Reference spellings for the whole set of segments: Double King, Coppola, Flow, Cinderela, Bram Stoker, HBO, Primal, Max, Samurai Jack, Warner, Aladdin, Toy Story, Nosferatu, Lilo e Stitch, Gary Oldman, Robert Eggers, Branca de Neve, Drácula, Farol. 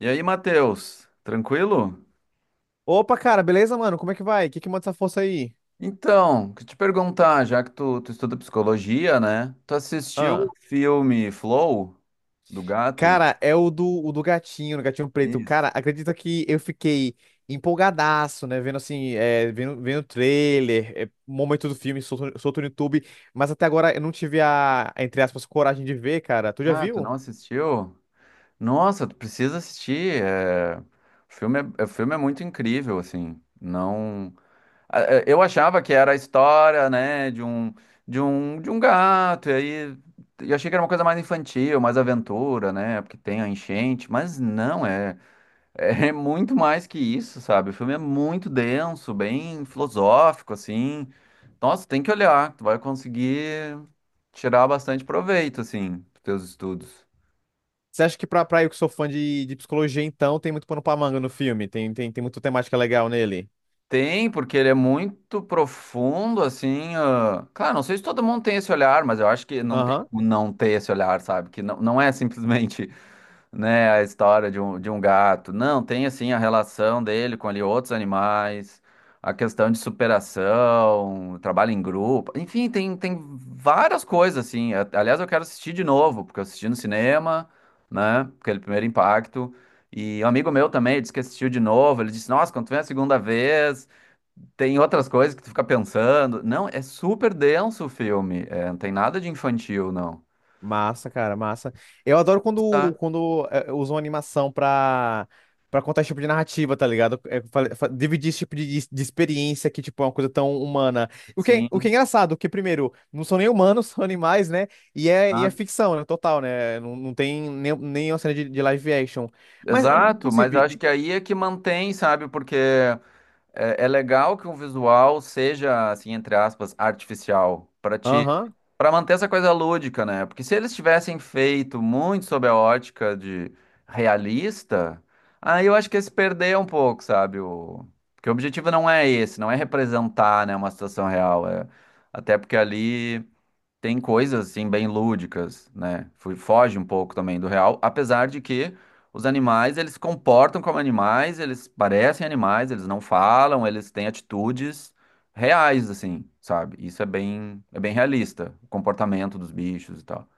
E aí, Matheus, tranquilo? Opa, cara, beleza, mano? Como é que vai? O que que manda essa força aí? Então, que te perguntar, já que tu estuda psicologia, né? Tu assistiu o Ah, filme Flow do gato? cara, é o do gatinho, o gatinho preto. Isso. Cara, acredita que eu fiquei empolgadaço, né? Vendo assim, vendo, vendo o trailer, momento do filme, solto, solto no YouTube, mas até agora eu não tive a, entre aspas, coragem de ver, cara. Tu já Ah, tu não viu? assistiu? Nossa, tu precisa assistir. O filme é muito incrível, assim. Não, ah, é, eu achava que era a história, né, de um gato. E aí eu achei que era uma coisa mais infantil, mais aventura, né? Porque tem a enchente, mas não é. É muito mais que isso, sabe? O filme é muito denso, bem filosófico, assim. Nossa, tem que olhar, tu vai conseguir tirar bastante proveito, assim, dos teus estudos. Você acha que pra eu que sou fã de psicologia, então, tem muito pano pra manga no filme? Tem, tem muita temática legal nele? Tem, porque ele é muito profundo, assim. Claro, não sei se todo mundo tem esse olhar, mas eu acho que não tem Aham. como não ter esse olhar, sabe? Que não, não é simplesmente né, a história de um gato. Não, tem assim a relação dele com ali outros animais, a questão de superação, trabalho em grupo, enfim, tem várias coisas assim. Aliás, eu quero assistir de novo, porque eu assisti no cinema, né, aquele primeiro impacto. E um amigo meu também disse que assistiu de novo. Ele disse: Nossa, quando tu vem a segunda vez, tem outras coisas que tu fica pensando. Não, é super denso o filme. É, não tem nada de infantil, não. Massa, cara, massa. Eu adoro quando, Tá, usam animação pra contar esse tipo de narrativa, tá ligado? É, dividir esse tipo de experiência que, tipo, é uma coisa tão humana. O que, o que é sim. engraçado, que, primeiro, não são nem humanos, são animais, né? E é Tá, ficção, né? Total, né? Não, não tem nem, nem uma cena de live action. Mas, exato, mas eu inclusive... acho que aí é que mantém, sabe? Porque é legal que um visual seja, assim, entre aspas, artificial, para te, Aham. para manter essa coisa lúdica, né? Porque se eles tivessem feito muito sob a ótica de realista, aí eu acho que ia se perder um pouco, sabe? O, porque o objetivo não é esse, não é representar, né, uma situação real, é até porque ali tem coisas assim bem lúdicas, né? Foge um pouco também do real, apesar de que os animais eles se comportam como animais, eles parecem animais, eles não falam, eles têm atitudes reais assim, sabe? Isso é bem realista, o comportamento dos bichos e tal.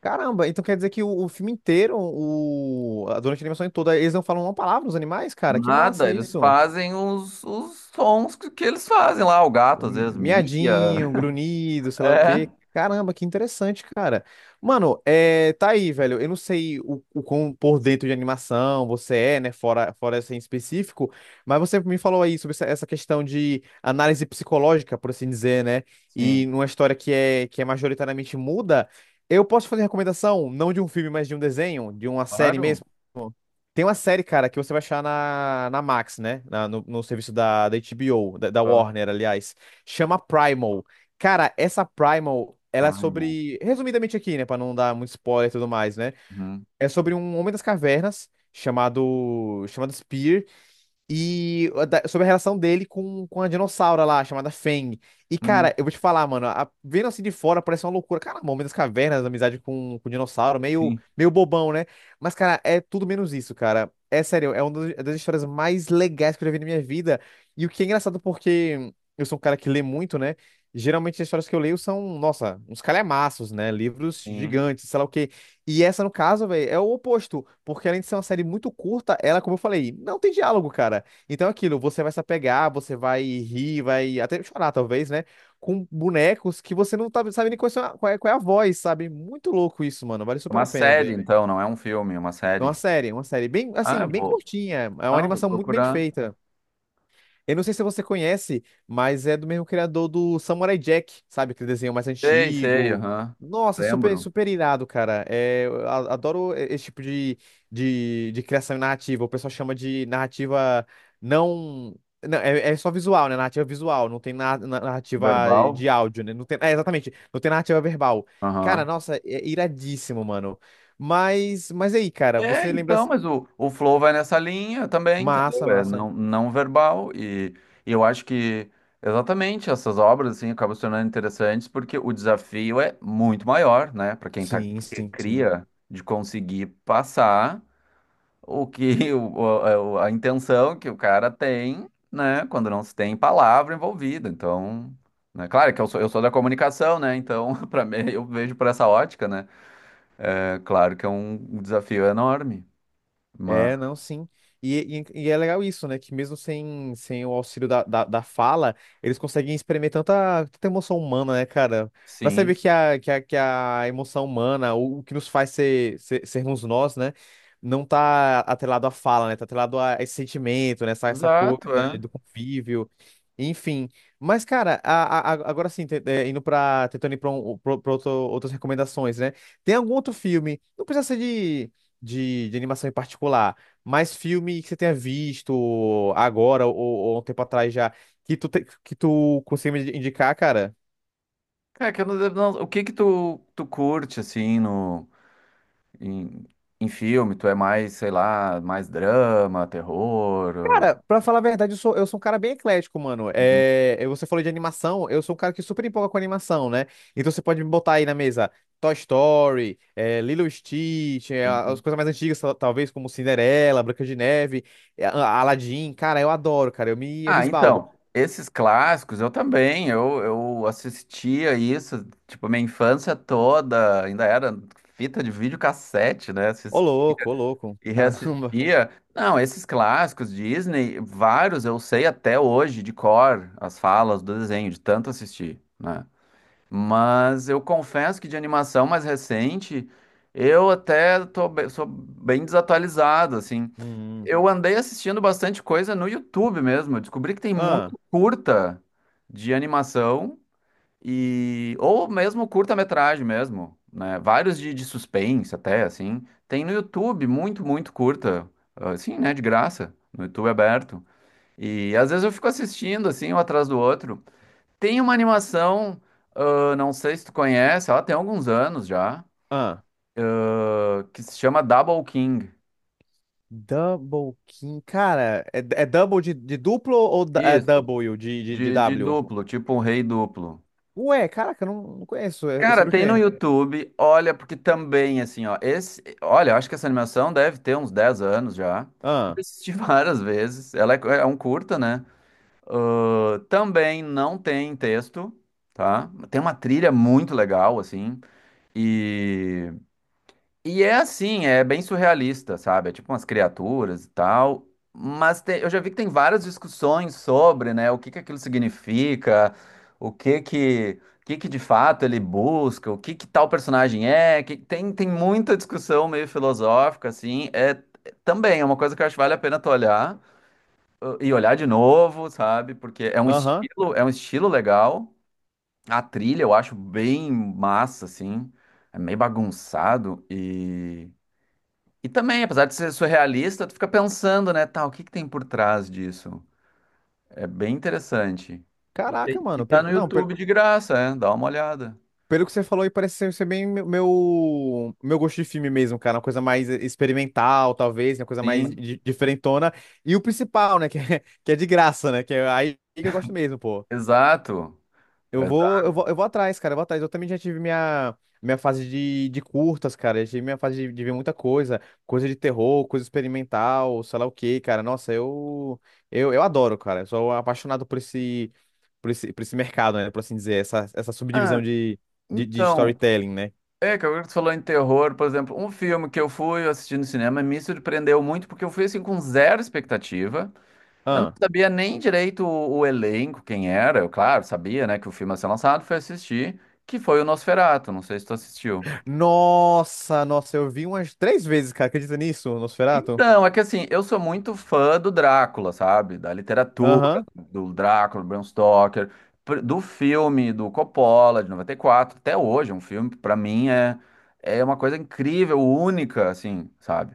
Caramba, então quer dizer que o filme inteiro, o, durante a animação toda, eles não falam uma palavra, os animais, cara? Que Nada, massa eles isso. fazem os sons que eles fazem lá, o gato às Um vezes mia. miadinho, um grunhido, sei lá o É, quê. Caramba, que interessante, cara. Mano, é, tá aí, velho. Eu não sei o quão por dentro de animação você é, né? Fora, fora essa em específico, mas você me falou aí sobre essa, essa questão de análise psicológica, por assim dizer, né? E sim, numa história que é majoritariamente muda. Eu posso fazer recomendação, não de um filme, mas de um desenho, de uma série claro. mesmo. Tem uma série, cara, que você vai achar na, na Max, né? No, no serviço da, da HBO, da, da Ah, Warner, aliás. Chama Primal. Cara, essa Primal, ela é Primal. sobre. Resumidamente aqui, né? Pra não dar muito spoiler e tudo mais, né? Uhum. É sobre um homem das cavernas chamado Spear, e sobre a relação dele com a dinossauro lá, chamada Fang. E, Uhum. cara, eu vou te falar, mano, vendo assim de fora parece uma loucura. Cara, Momento das Cavernas, amizade com o dinossauro, meio, Sim, meio bobão, né? Mas, cara, é tudo menos isso, cara. É sério, é uma das das histórias mais legais que eu já vi na minha vida. E o que é engraçado, porque eu sou um cara que lê muito, né? Geralmente as histórias que eu leio são, nossa, uns calhamaços, né? Livros sim. gigantes, sei lá o quê. E essa, no caso, velho, é o oposto. Porque além de ser uma série muito curta, ela, como eu falei, não tem diálogo, cara. Então, é aquilo, você vai se apegar, você vai rir, vai até chorar, talvez, né? Com bonecos que você não tá, sabe nem qual é, qual é qual é a voz, sabe? Muito louco isso, mano. Vale É super uma a pena série, ver. então, não é um filme, é uma série. É uma série bem, Ah, assim, eu bem vou. curtinha. É uma Ah, eu vou animação muito bem procurar. feita. Eu não sei se você conhece, mas é do mesmo criador do Samurai Jack, sabe? Aquele desenho mais Sei, sei, antigo. aham. Nossa, super, Lembro. super irado, cara. É, eu adoro esse tipo de criação narrativa. O pessoal chama de narrativa não. Não, é, é só visual, né? Narrativa visual, não tem narrativa Verbal? de áudio, né? Não tem, é, exatamente, não tem narrativa verbal. Cara, Aham. nossa, é iradíssimo, mano. Mas, aí, cara, É, você lembra. então, mas o Flow vai nessa linha também, entendeu? Massa, É massa. não, não verbal. E eu acho que exatamente essas obras assim, acabam se tornando interessantes porque o desafio é muito maior, né? Para quem tá, Sim, que sim, sim. cria, de conseguir passar o que o, é a intenção que o cara tem, né, quando não se tem palavra envolvida. Então, né, claro que eu sou da comunicação, né? Então, para mim, eu vejo por essa ótica, né? É claro que é um desafio enorme, mas É, não, sim. E é legal isso, né? Que mesmo sem, sem o auxílio da fala, eles conseguem experimentar tanta, tanta emoção humana, né, cara? Pra saber sim. que a emoção humana, o que nos faz ser, sermos nós, né? Não tá atrelado à fala, né? Tá atrelado a esse sentimento, né? Essa coisa Exato, é. do convívio. Enfim. Mas, cara, agora sim, indo pra, tentando ir pra, pra outras recomendações, né? Tem algum outro filme? Não precisa ser de animação em particular, mas filme que você tenha visto agora ou um tempo atrás já, que tu, que tu consiga me indicar, cara? É que eu não- não- o que que tu curte assim no em, em filme? Tu é mais, sei lá, mais drama, terror? Cara, pra falar a verdade, eu sou um cara bem eclético, mano. É, é, você falou de animação, eu sou um cara que super empolga com animação, né? Então você pode me botar aí na mesa Toy Story, é, Lilo e Stitch, é, uh, as coisas mais antigas, talvez, como Cinderela, Branca de Neve, é, Aladdin. Cara, eu adoro, cara, eu me Ah, esbaldo. então, esses clássicos eu também, eu assistia isso, tipo, minha infância toda, ainda era fita de videocassete, né? Ô louco, E caramba. reassistia. Não, esses clássicos Disney, vários eu sei até hoje de cor as falas do desenho, de tanto assistir, né? Mas eu confesso que de animação mais recente, eu até tô, sou bem desatualizado, assim. Hum. Eu andei assistindo bastante coisa no YouTube mesmo. Eu descobri que tem Ah. muito curta de animação e ou mesmo curta-metragem mesmo, né? Vários de suspense até assim. Tem no YouTube muito curta, assim, né, de graça, no YouTube aberto. E às vezes eu fico assistindo assim, um atrás do outro. Tem uma animação, ah, não sei se tu conhece, ela tem alguns anos já, Ah, que se chama Double King. Double King. Cara, é, é double de duplo ou é Isso, Double de de W? duplo, tipo um rei duplo. Ué, caraca, eu não, não conheço. É, é Cara, sobre o tem no quê? YouTube, olha, porque também, assim, ó, esse, olha, eu acho que essa animação deve ter uns 10 anos já. Eu Ah, assisti várias vezes, ela é, é um curta, né? Ah, também não tem texto, tá? Tem uma trilha muito legal, assim, e e é assim, é bem surrealista, sabe? É tipo umas criaturas e tal. Mas tem- eu já vi que tem várias discussões sobre, né, o que que aquilo significa, o que que de fato ele busca, o que que tal personagem é. Que- tem, tem muita discussão meio filosófica, assim. É, também é uma coisa que eu acho que vale a pena tu olhar e olhar de novo, sabe? Porque aham. É um estilo legal. A trilha eu acho bem massa, assim. É meio bagunçado e também, apesar de ser surrealista, tu fica pensando, né, tá, o que que tem por trás disso? É bem interessante. E, tem- Caraca, e mano. tá Pelo, no não, pelo, YouTube de graça, é, dá uma olhada. pelo que você falou aí, parece ser, ser bem meu, meu gosto de filme mesmo, cara. Uma coisa mais experimental, talvez, uma coisa mais Sim, diferentona. E o principal, né? Que é, que é de graça, né? Que é aí que eu gosto mesmo, pô. exato. Eu vou, Exa- eu vou, eu vou atrás, cara, eu vou atrás. Eu também já tive minha, minha fase de curtas, cara. Eu tive minha fase de ver muita coisa, coisa de terror, coisa experimental, sei lá o quê, cara. Nossa, eu adoro, cara. Eu sou apaixonado por esse, por esse, por esse mercado, né? Por assim dizer, essa ah, subdivisão de então, storytelling, né? é que agora que tu falou em terror, por exemplo, um filme que eu fui assistir no cinema me surpreendeu muito porque eu fui assim com zero expectativa. Eu não Ah. sabia nem direito o elenco, quem era. Eu, claro, sabia, né, que o filme ia ser lançado, fui assistir, que foi o Nosferatu, não sei se tu assistiu. Nossa, nossa, eu vi umas três vezes, cara. Acredita nisso, Nosferatu? Então, é que assim, eu sou muito fã do Drácula, sabe? Da literatura, Aham. do Drácula, Bram Stoker, do filme do Coppola de 94, até hoje, é um filme para mim é é uma coisa incrível, única, assim, sabe?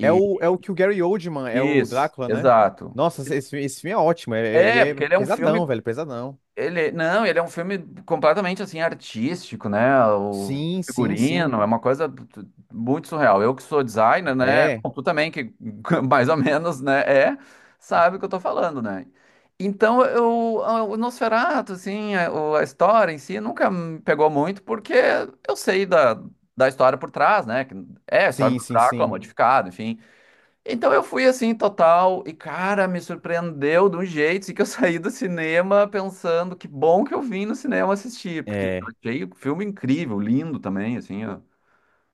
É o, é o que o Gary Oldman é o isso, Drácula, né? exato. Nossa, esse filme é ótimo. E É, é, porque ele é um filme pesadão, velho, pesadão. ele, não, ele é um filme completamente assim artístico, né? O Sim, sim, sim. figurino é uma coisa muito surreal. Eu que sou designer, né? É. Bom, tu também que mais ou menos, né? É, sabe o que eu tô falando, né? Então, eu, o Nosferatu, assim, a, a história em si nunca me pegou muito porque eu sei da, da história por trás, né? Que é a história Sim, do sim, Drácula sim. modificado, enfim. Então eu fui assim, total, e cara, me surpreendeu de um jeito assim, que eu saí do cinema pensando que bom que eu vim no cinema assistir, porque eu É. achei o filme incrível, lindo também, assim, ó,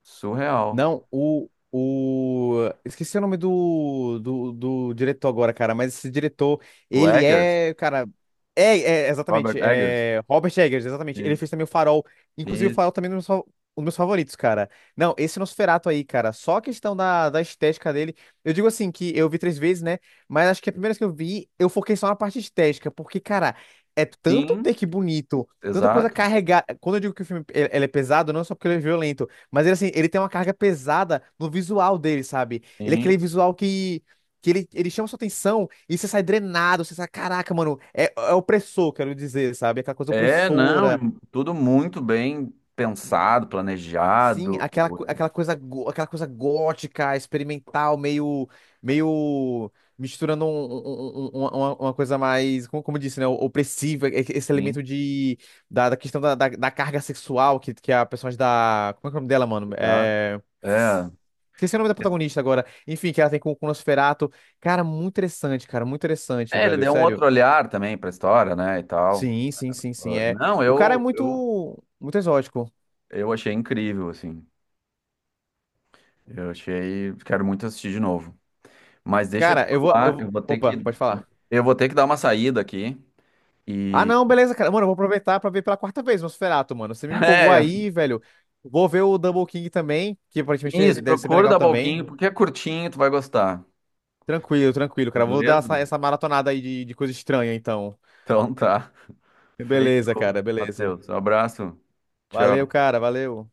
surreal. Não, o... Esqueci o nome do, do, do diretor agora, cara, mas esse diretor, O ele Eggers, é, cara... É, é, exatamente, Robert Eggers. é Robert Eggers, exatamente. Ele Isso. fez também o Farol. Inclusive, o E Farol também é um dos um dos meus favoritos, cara. Não, esse Nosferatu aí, cara, só a questão da, da estética dele. Eu digo assim, que eu vi três vezes, né? Mas acho que a primeira vez que eu vi, eu foquei só na parte estética, porque, cara, é tanto sim, take bonito, tanta coisa exato, carregada. Quando eu digo que o filme ele é pesado, não é só porque ele é violento. Mas ele, assim, ele tem uma carga pesada no visual dele, sabe? Ele é sim. aquele visual que ele chama sua atenção e você sai drenado, você sai, caraca, mano, é, é opressor, quero dizer, sabe? Aquela coisa É, não, opressora. e tudo muito bem pensado, Sim, planejado, aquela, aquela coisa, aquela coisa gótica, experimental, meio, meio misturando uma coisa mais, como, como eu disse, né, opressiva, esse elemento sim, de, da, da questão da, da, da carga sexual que a personagem da, como é que é o nome dela, mano? exato. É... É. Esqueci o nome da protagonista agora. Enfim, que ela tem com o Nosferatu. Cara, muito interessante, É, ele velho, deu um sério. outro olhar também para a história, né, e tal. Sim, sim, sim, sim, Ah, é. não, O cara é muito, eu muito exótico. Eu achei incrível, assim. Eu achei. Quero muito assistir de novo. Mas deixa eu te Cara, falar, Opa, pode falar. eu vou ter que dar uma saída aqui. Ah, E. não, beleza, cara. Mano, eu vou aproveitar pra ver pela quarta vez Nosferatu, mano. Você me empolgou aí, velho. Vou ver o Double King também, que É, aparentemente isso, deve ser bem procura o legal da Balquinho, também. porque é curtinho, tu vai gostar. Tranquilo, tranquilo, cara. Vou dar Beleza? essa, essa maratonada aí de coisa estranha, então. Então tá. Beleza, cara, Feito, beleza. Matheus. Um abraço. Valeu, Tchau. cara, valeu.